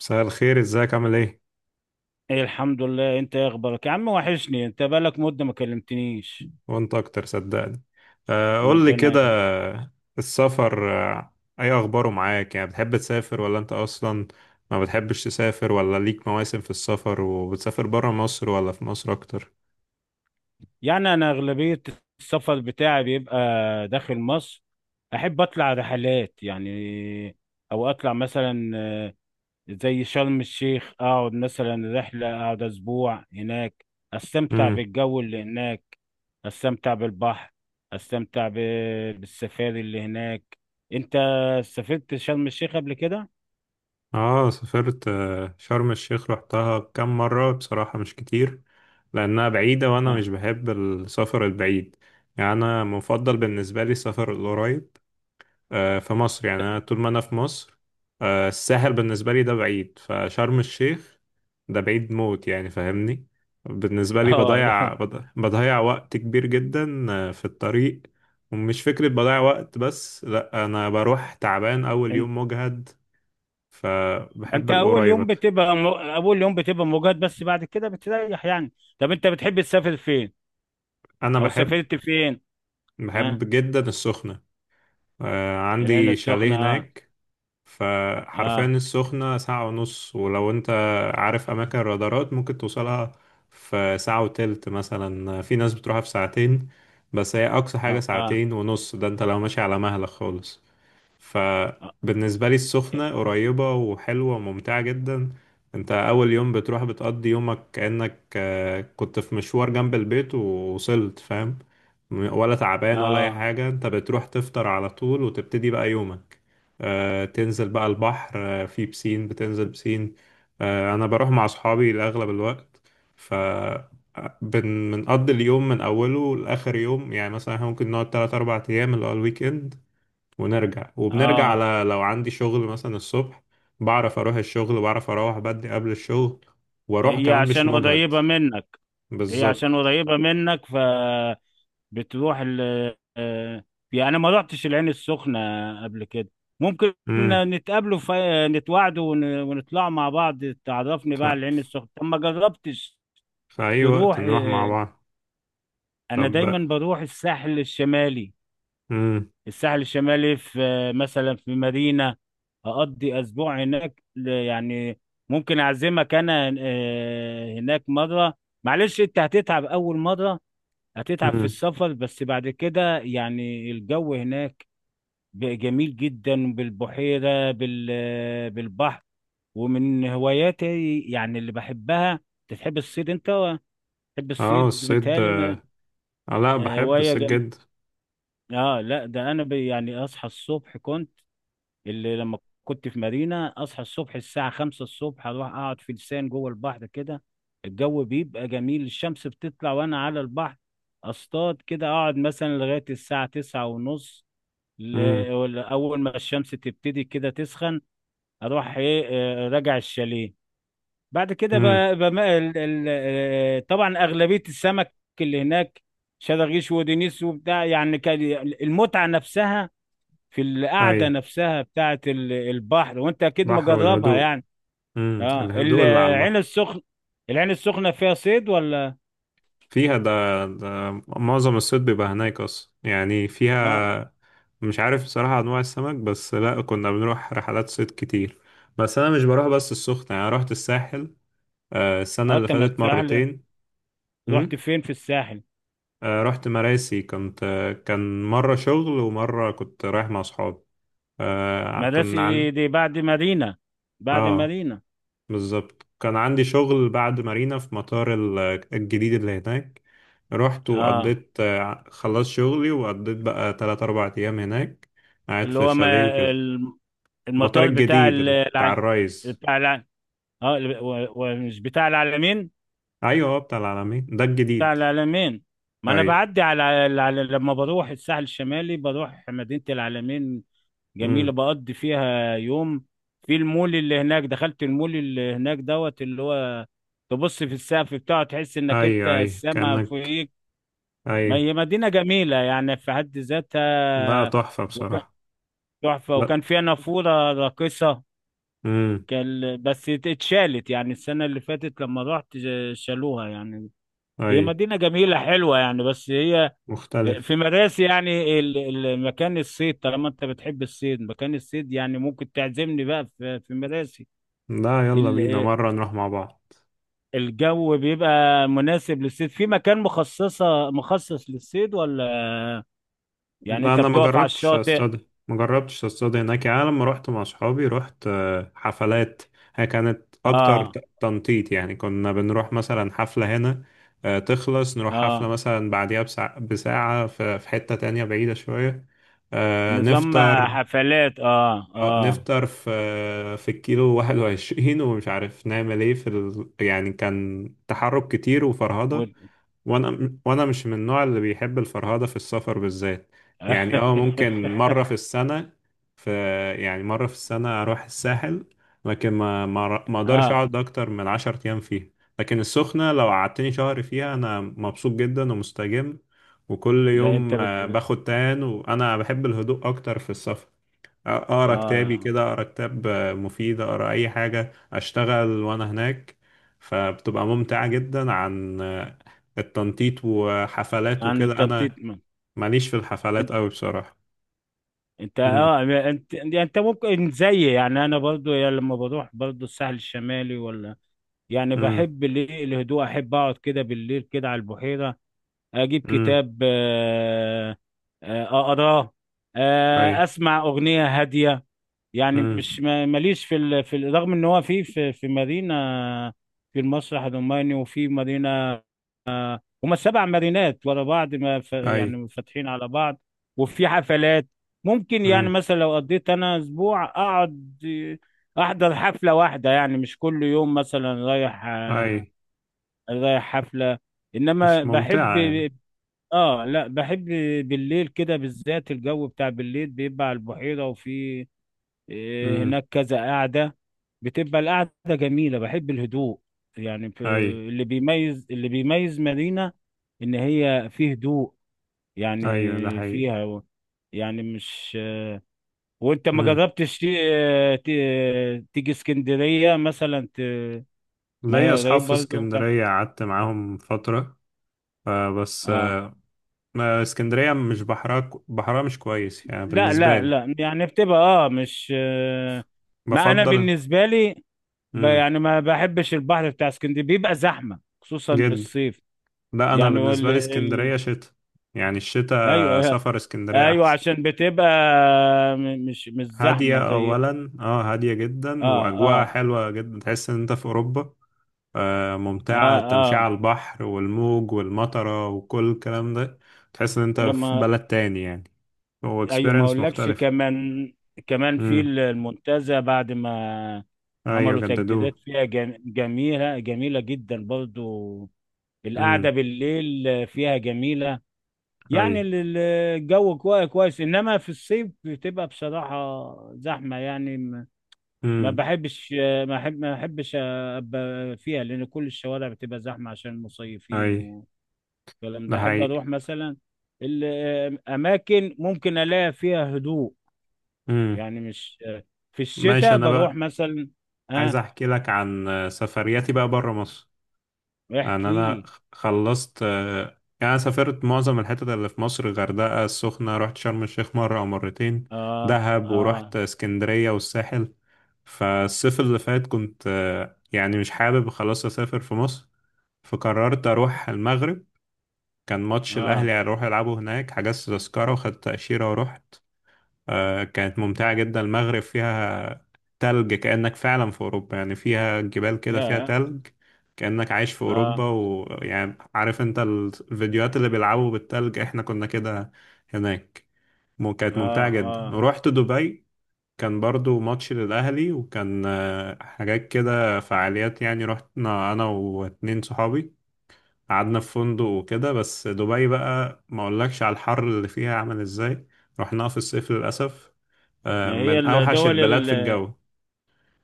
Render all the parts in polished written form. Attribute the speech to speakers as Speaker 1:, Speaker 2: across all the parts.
Speaker 1: مساء الخير، ازيك عامل ايه؟
Speaker 2: ايه، الحمد لله. انت ايه اخبارك يا عم؟ وحشني، انت بقالك مدة ما كلمتنيش.
Speaker 1: وانت اكتر صدقني. قول لي
Speaker 2: ربنا
Speaker 1: كده.
Speaker 2: يخليك.
Speaker 1: السفر اي اخباره معاك؟ يعني بتحب تسافر ولا انت اصلا ما بتحبش تسافر؟ ولا ليك مواسم في السفر؟ وبتسافر برا مصر ولا في مصر اكتر؟
Speaker 2: يعني انا اغلبية السفر بتاعي بيبقى داخل مصر. احب اطلع رحلات يعني، او اطلع مثلا زي شرم الشيخ، اقعد مثلا رحلة، اقعد اسبوع هناك، استمتع
Speaker 1: امم.
Speaker 2: بالجو اللي هناك، استمتع بالبحر، استمتع بالسفاري اللي هناك. انت سافرت شرم الشيخ قبل كده؟
Speaker 1: اه، سافرت شرم الشيخ. رحتها كام مرة؟ بصراحة مش كتير، لانها بعيدة وانا مش
Speaker 2: اه.
Speaker 1: بحب السفر البعيد. يعني انا مفضل بالنسبة لي السفر القريب في مصر. يعني أنا طول ما أنا في مصر، الساحل بالنسبة لي ده بعيد، فشرم الشيخ ده بعيد موت يعني، فاهمني؟ بالنسبة لي
Speaker 2: اه.
Speaker 1: بضيع، بضيع وقت كبير جدا في الطريق. ومش فكرة بضيع وقت بس، لأ، أنا بروح تعبان أول يوم، مجهد.
Speaker 2: ما
Speaker 1: فبحب
Speaker 2: انت اول
Speaker 1: القريب
Speaker 2: يوم
Speaker 1: أكتر.
Speaker 2: بتبقى مجهد، بس بعد كده بتريح يعني. طب انت بتحب تسافر فين،
Speaker 1: أنا
Speaker 2: او
Speaker 1: بحب،
Speaker 2: سافرت فين؟ ها.
Speaker 1: بحب جدا السخنة.
Speaker 2: العين
Speaker 1: عندي شاليه
Speaker 2: السخنة، اه.
Speaker 1: هناك. فحرفيا
Speaker 2: اه.
Speaker 1: السخنة ساعة ونص، ولو انت عارف أماكن الرادارات ممكن توصلها في ساعة وتلت، مثلا في ناس بتروحها في ساعتين. بس هي أقصى حاجة
Speaker 2: اه. اه.
Speaker 1: ساعتين ونص، ده انت لو ماشي على مهلك خالص.
Speaker 2: اه.
Speaker 1: فبالنسبة لي السخنة قريبة وحلوة وممتعة جدا. انت اول يوم بتروح بتقضي يومك كأنك كنت في مشوار جنب البيت ووصلت، فاهم؟ ولا تعبان ولا اي
Speaker 2: آه.
Speaker 1: حاجة. انت بتروح تفطر على طول وتبتدي بقى يومك. تنزل بقى البحر. في بسين، بتنزل بسين. انا بروح مع اصحابي لاغلب الوقت. ف آه، بنقضي اليوم من اوله لاخر يوم. يعني مثلا إحنا ممكن نقعد 3 4 ايام اللي هو الويك اند، ونرجع. وبنرجع
Speaker 2: آه.
Speaker 1: على لو عندي شغل مثلا الصبح، بعرف اروح الشغل، بعرف اروح بدري قبل الشغل، واروح
Speaker 2: هي
Speaker 1: كمان مش
Speaker 2: عشان
Speaker 1: مجهد.
Speaker 2: قريبة منك هي عشان
Speaker 1: بالظبط.
Speaker 2: قريبة منك فبتروح. ال آه، يعني أنا ما رحتش العين السخنة قبل كده. ممكن
Speaker 1: امم.
Speaker 2: نتقابلوا، في نتواعدوا ونطلع مع بعض، تعرفني
Speaker 1: ف...
Speaker 2: بقى على العين السخنة. طب ما جربتش
Speaker 1: في اي وقت
Speaker 2: تروح؟
Speaker 1: نروح مع بعض.
Speaker 2: انا دايما
Speaker 1: طب.
Speaker 2: بروح الساحل الشمالي.
Speaker 1: امم.
Speaker 2: الساحل الشمالي في مثلا في مارينا، اقضي اسبوع هناك. يعني ممكن اعزمك انا هناك مره. معلش انت هتتعب اول مره، هتتعب في
Speaker 1: امم.
Speaker 2: السفر، بس بعد كده يعني الجو هناك بقى جميل جدا بالبحيره بالبحر، ومن هواياتي يعني اللي بحبها. تحب الصيد انت؟ تحب
Speaker 1: اه،
Speaker 2: الصيد
Speaker 1: الصيد آه.
Speaker 2: متهيألي؟
Speaker 1: لا، بحب
Speaker 2: هوايه.
Speaker 1: الصيد جدا.
Speaker 2: اه، لا، ده انا بي يعني اصحى الصبح كنت. اللي لما كنت في مارينا اصحى الصبح الساعة 5 الصبح، اروح اقعد في لسان جوه البحر كده. الجو بيبقى جميل، الشمس بتطلع وانا على البحر، اصطاد كده. اقعد مثلا لغاية الساعة 9:30،
Speaker 1: امم.
Speaker 2: ولا اول ما الشمس تبتدي كده تسخن اروح ايه آه، راجع الشاليه. بعد كده
Speaker 1: امم.
Speaker 2: طبعا اغلبية السمك اللي هناك شراغيش ودنيس وبتاع، يعني كان المتعة نفسها في
Speaker 1: اي،
Speaker 2: القعده نفسها بتاعه البحر، وانت اكيد
Speaker 1: بحر
Speaker 2: مجربها
Speaker 1: والهدوء.
Speaker 2: يعني.
Speaker 1: امم،
Speaker 2: اه.
Speaker 1: الهدوء اللي على
Speaker 2: العين
Speaker 1: البحر.
Speaker 2: العين السخنه فيها صيد ولا؟
Speaker 1: فيها ده، ده معظم الصيد بيبقى هناك أصلا يعني،
Speaker 2: اه
Speaker 1: فيها مش عارف بصراحة أنواع السمك، بس لأ، كنا بنروح رحلات صيد كتير. بس أنا مش بروح بس السخنة، يعني رحت الساحل السنة
Speaker 2: اه.
Speaker 1: اللي
Speaker 2: انت ما
Speaker 1: فاتت
Speaker 2: الساحل
Speaker 1: مرتين. م?
Speaker 2: رحت فين في الساحل؟
Speaker 1: رحت مراسي، كنت كان مرة شغل ومرة كنت رايح مع أصحابي. كنا
Speaker 2: مدرسة
Speaker 1: عن
Speaker 2: دي بعد مارينا، بعد
Speaker 1: آه
Speaker 2: مارينا
Speaker 1: بالظبط. كان عندي شغل بعد مارينا في مطار الجديد اللي هناك. رحت
Speaker 2: اه.
Speaker 1: وقضيت خلصت شغلي، وقضيت بقى تلات أربع أيام هناك قاعد
Speaker 2: اللي
Speaker 1: في
Speaker 2: هو
Speaker 1: الشاليه
Speaker 2: ما
Speaker 1: وكده.
Speaker 2: الم-
Speaker 1: المطار
Speaker 2: المطار بتاع
Speaker 1: الجديد بتاع الرايز.
Speaker 2: بتاع الع... اه، ومش بتاع العلمين؟
Speaker 1: أيوة، هو بتاع العالمين ده
Speaker 2: بتاع
Speaker 1: الجديد.
Speaker 2: العلمين. ما انا
Speaker 1: أي.
Speaker 2: بعدي على لما بروح الساحل الشمالي، بروح مدينة العلمين. جميلة،
Speaker 1: أمم.
Speaker 2: بقضي فيها يوم في المول اللي هناك. دخلت المول اللي هناك دوت، اللي هو تبص في السقف بتاعه تحس انك
Speaker 1: أي.
Speaker 2: انت
Speaker 1: أي
Speaker 2: السما
Speaker 1: كأنك.
Speaker 2: فوقيك. ما
Speaker 1: أي.
Speaker 2: هي مدينة جميلة يعني في حد
Speaker 1: لا،
Speaker 2: ذاتها.
Speaker 1: تحفة
Speaker 2: وكان
Speaker 1: بصراحة.
Speaker 2: تحفة،
Speaker 1: لا.
Speaker 2: وكان فيها نافورة راقصة.
Speaker 1: أمم.
Speaker 2: كان بس اتشالت يعني السنة اللي فاتت لما رحت شالوها يعني. هي
Speaker 1: أي.
Speaker 2: مدينة جميلة حلوة يعني، بس هي
Speaker 1: مختلف.
Speaker 2: في مراسي يعني مكان الصيد، طالما انت بتحب الصيد. مكان الصيد يعني ممكن تعزمني بقى في مراسي.
Speaker 1: لا، يلا بينا
Speaker 2: ال-
Speaker 1: مرة نروح مع بعض.
Speaker 2: الجو بيبقى مناسب للصيد، في مكان مخصص للصيد، ولا يعني
Speaker 1: لا،
Speaker 2: انت
Speaker 1: انا ما
Speaker 2: بتقف على
Speaker 1: جربتش
Speaker 2: الشاطئ؟
Speaker 1: اصطاد ما جربتش اصطاد هناك. يعني أنا لما رحت مع اصحابي رحت حفلات. هي كانت اكتر
Speaker 2: اه
Speaker 1: تنطيط. يعني كنا بنروح مثلا حفلة هنا، تخلص نروح
Speaker 2: اه.
Speaker 1: حفلة مثلا بعديها بساعة في حتة تانية بعيدة شوية. آه،
Speaker 2: نظام
Speaker 1: نفطر
Speaker 2: حفلات، اه اه،
Speaker 1: نفطر في الكيلو 21، ومش عارف نعمل ايه يعني كان تحرك كتير
Speaker 2: و...
Speaker 1: وفرهضة. وانا مش من النوع اللي بيحب الفرهده في السفر بالذات. يعني اه ممكن مره في السنه، في يعني مره في السنه اروح الساحل. لكن ما اقدرش
Speaker 2: اه،
Speaker 1: اقعد اكتر من 10 ايام فيها. لكن السخنه لو قعدتني شهر فيها انا مبسوط جدا ومستجم، وكل
Speaker 2: ده انت
Speaker 1: يوم باخد تان، وانا بحب الهدوء اكتر في السفر. اقرا كتابي
Speaker 2: اه،
Speaker 1: كده، اقرا كتاب مفيد، اقرا اي حاجه، اشتغل وانا هناك. فبتبقى ممتعه جدا عن التنطيط وحفلات
Speaker 2: عن
Speaker 1: وكده.
Speaker 2: التنطيط.
Speaker 1: انا ماليش في الحفلات قوي بصراحه.
Speaker 2: انت،
Speaker 1: امم.
Speaker 2: يعني انت، يعني انت ممكن زي يعني انا برضو. يعني لما بروح برضو الساحل الشمالي ولا، يعني
Speaker 1: امم.
Speaker 2: بحب الايه الهدوء، احب اقعد كده بالليل كده على البحيرة، اجيب
Speaker 1: امم.
Speaker 2: كتاب اقراه،
Speaker 1: اي.
Speaker 2: اسمع اغنية هادية. يعني مش
Speaker 1: امم.
Speaker 2: ماليش رغم ان هو في مارينا، في المسرح الروماني، وفي مارينا، هما السبع مارينات ورا بعض ما ف...
Speaker 1: اي.
Speaker 2: يعني فاتحين على بعض، وفي حفلات. ممكن يعني
Speaker 1: امم.
Speaker 2: مثلا لو قضيت انا اسبوع اقعد، احضر حفلة واحدة، يعني مش كل يوم مثلا
Speaker 1: اي.
Speaker 2: رايح حفلة. انما
Speaker 1: مش
Speaker 2: بحب.
Speaker 1: ممتعه يعني.
Speaker 2: اه لا، بحب بالليل كده بالذات. الجو بتاع بالليل بيبقى على البحيرة، وفي
Speaker 1: امم.
Speaker 2: هناك كذا قاعدة، بتبقى القعدة جميلة، بحب الهدوء يعني.
Speaker 1: اي.
Speaker 2: اللي بيميز مارينا إن هي فيه هدوء،
Speaker 1: ايوه، ده
Speaker 2: يعني
Speaker 1: حقيقي.
Speaker 2: فيها، يعني مش. وانت ما
Speaker 1: امم.
Speaker 2: جربتش تيجي اسكندرية مثلا؟ ما
Speaker 1: ليا
Speaker 2: هي
Speaker 1: اصحاب
Speaker 2: قريب
Speaker 1: في
Speaker 2: برضه.
Speaker 1: اسكندريه قعدت معاهم فتره، بس
Speaker 2: اه.
Speaker 1: ما اسكندرية مش بحرها مش كويس يعني
Speaker 2: لا
Speaker 1: بالنسبة
Speaker 2: لا
Speaker 1: لي.
Speaker 2: لا، يعني بتبقى مش ما انا
Speaker 1: بفضل.
Speaker 2: بالنسبة لي،
Speaker 1: امم.
Speaker 2: يعني ما بحبش البحر بتاع اسكندرية، بيبقى زحمة خصوصا
Speaker 1: جد.
Speaker 2: بالصيف
Speaker 1: لا، أنا
Speaker 2: يعني.
Speaker 1: بالنسبة لي اسكندرية شتاء. يعني
Speaker 2: ايوه،
Speaker 1: الشتاء
Speaker 2: ايوه،
Speaker 1: سفر اسكندرية
Speaker 2: أيوه،
Speaker 1: أحسن.
Speaker 2: عشان بتبقى مش زحمه
Speaker 1: هادية
Speaker 2: زي
Speaker 1: أولا، اه، هادية جدا
Speaker 2: اه
Speaker 1: وأجواءها
Speaker 2: اه
Speaker 1: حلوة جدا، تحس إن أنت في أوروبا.
Speaker 2: اه
Speaker 1: ممتعة التمشية
Speaker 2: اه.
Speaker 1: على البحر والموج والمطرة وكل الكلام ده. تحس إن أنت في
Speaker 2: لما
Speaker 1: بلد تاني يعني. هو
Speaker 2: ايوه، ما
Speaker 1: اكسبيرينس
Speaker 2: اقولكش
Speaker 1: مختلف.
Speaker 2: كمان، كمان في
Speaker 1: امم.
Speaker 2: المنتزه بعد ما
Speaker 1: أيوة،
Speaker 2: عملوا
Speaker 1: جددوه.
Speaker 2: تجديدات فيها جميله، جميله جدا برضو. القعده
Speaker 1: امم.
Speaker 2: بالليل فيها جميله يعني،
Speaker 1: أي.
Speaker 2: الجو كويس كويس، انما في الصيف بتبقى بصراحه زحمه يعني. ما
Speaker 1: امم.
Speaker 2: بحبش، ما احبش ابقى فيها، لان كل الشوارع بتبقى زحمه عشان المصيفين
Speaker 1: أي.
Speaker 2: والكلام
Speaker 1: ده
Speaker 2: ده. احب
Speaker 1: حقيقي.
Speaker 2: اروح مثلا الاماكن ممكن الاقي فيها هدوء،
Speaker 1: مم.
Speaker 2: يعني مش. في
Speaker 1: ماشي،
Speaker 2: الشتاء
Speaker 1: انا
Speaker 2: بروح
Speaker 1: بقى
Speaker 2: مثلا.
Speaker 1: عايز
Speaker 2: اه،
Speaker 1: احكي لك عن سفرياتي بقى بره مصر. يعني
Speaker 2: احكي
Speaker 1: انا
Speaker 2: لي.
Speaker 1: خلصت يعني، انا سافرت معظم الحتت اللي في مصر: غردقة، السخنة، رحت شرم الشيخ مرة او مرتين،
Speaker 2: اه
Speaker 1: دهب، ورحت
Speaker 2: اه
Speaker 1: اسكندرية والساحل. فالصيف اللي فات كنت يعني مش حابب خلاص اسافر في مصر، فقررت اروح المغرب. كان ماتش الاهلي
Speaker 2: اه،
Speaker 1: هيروح يلعبوا هناك، حجزت تذكرة وخدت تأشيرة ورحت. كانت ممتعة جدا، المغرب فيها تلج كأنك فعلا في أوروبا، يعني فيها جبال كده، فيها
Speaker 2: يا،
Speaker 1: تلج كأنك عايش في
Speaker 2: اه
Speaker 1: أوروبا. ويعني عارف أنت الفيديوهات اللي بيلعبوا بالتلج؟ إحنا كنا كده هناك. كانت
Speaker 2: اه
Speaker 1: ممتعة جدا.
Speaker 2: اه.
Speaker 1: ورحت دبي، كان برضو ماتش للأهلي، وكان حاجات كده فعاليات. يعني رحنا أنا واتنين صحابي، قعدنا في فندق وكده. بس دبي بقى، ما أقولكش على الحر اللي فيها عامل إزاي! رحناها في الصيف للأسف.
Speaker 2: ما هي
Speaker 1: من أوحش
Speaker 2: الدول
Speaker 1: البلاد في الجو.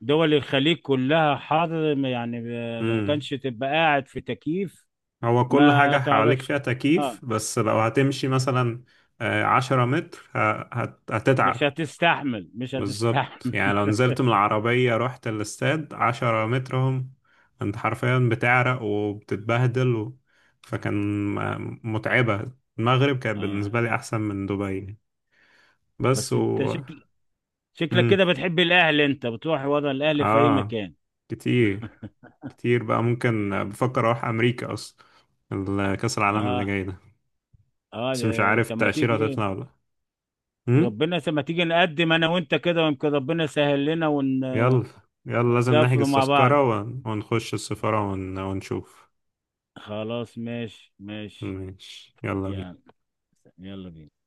Speaker 2: دول الخليج كلها حر يعني. ما كانش تبقى قاعد في تكييف،
Speaker 1: هو كل
Speaker 2: ما
Speaker 1: حاجة حواليك
Speaker 2: تعرفش؟
Speaker 1: فيها
Speaker 2: اه.
Speaker 1: تكييف، بس لو هتمشي مثلا 10 متر
Speaker 2: مش
Speaker 1: هتتعب.
Speaker 2: هتستحمل، مش
Speaker 1: بالظبط، يعني
Speaker 2: هتستحمل.
Speaker 1: لو نزلت من العربية رحت الاستاد عشرة مترهم، انت حرفيا بتعرق وبتتبهدل فكان متعبة. المغرب كانت
Speaker 2: اه،
Speaker 1: بالنسبة لي أحسن من دبي. بس
Speaker 2: بس انت
Speaker 1: و
Speaker 2: شكلك
Speaker 1: مم.
Speaker 2: كده بتحب الاهل، انت بتروح ورا الاهل في اي
Speaker 1: آه
Speaker 2: مكان.
Speaker 1: كتير. كتير بقى، ممكن بفكر أروح أمريكا أصلا، كأس العالم اللي
Speaker 2: اه
Speaker 1: جاي ده.
Speaker 2: اه،
Speaker 1: بس مش عارف
Speaker 2: طب ما
Speaker 1: التأشيرة
Speaker 2: تيجي.
Speaker 1: هتطلع ولا لأ.
Speaker 2: ما تيجي نقدم انا وانت كده، ويمكن ربنا يسهل لنا
Speaker 1: يلا، يلا لازم
Speaker 2: ونسافروا
Speaker 1: نحجز
Speaker 2: مع بعض.
Speaker 1: تذكرة ونخش السفارة ونشوف.
Speaker 2: خلاص، ماشي ماشي.
Speaker 1: ماشي، يلا بينا.
Speaker 2: يعني يلا بينا.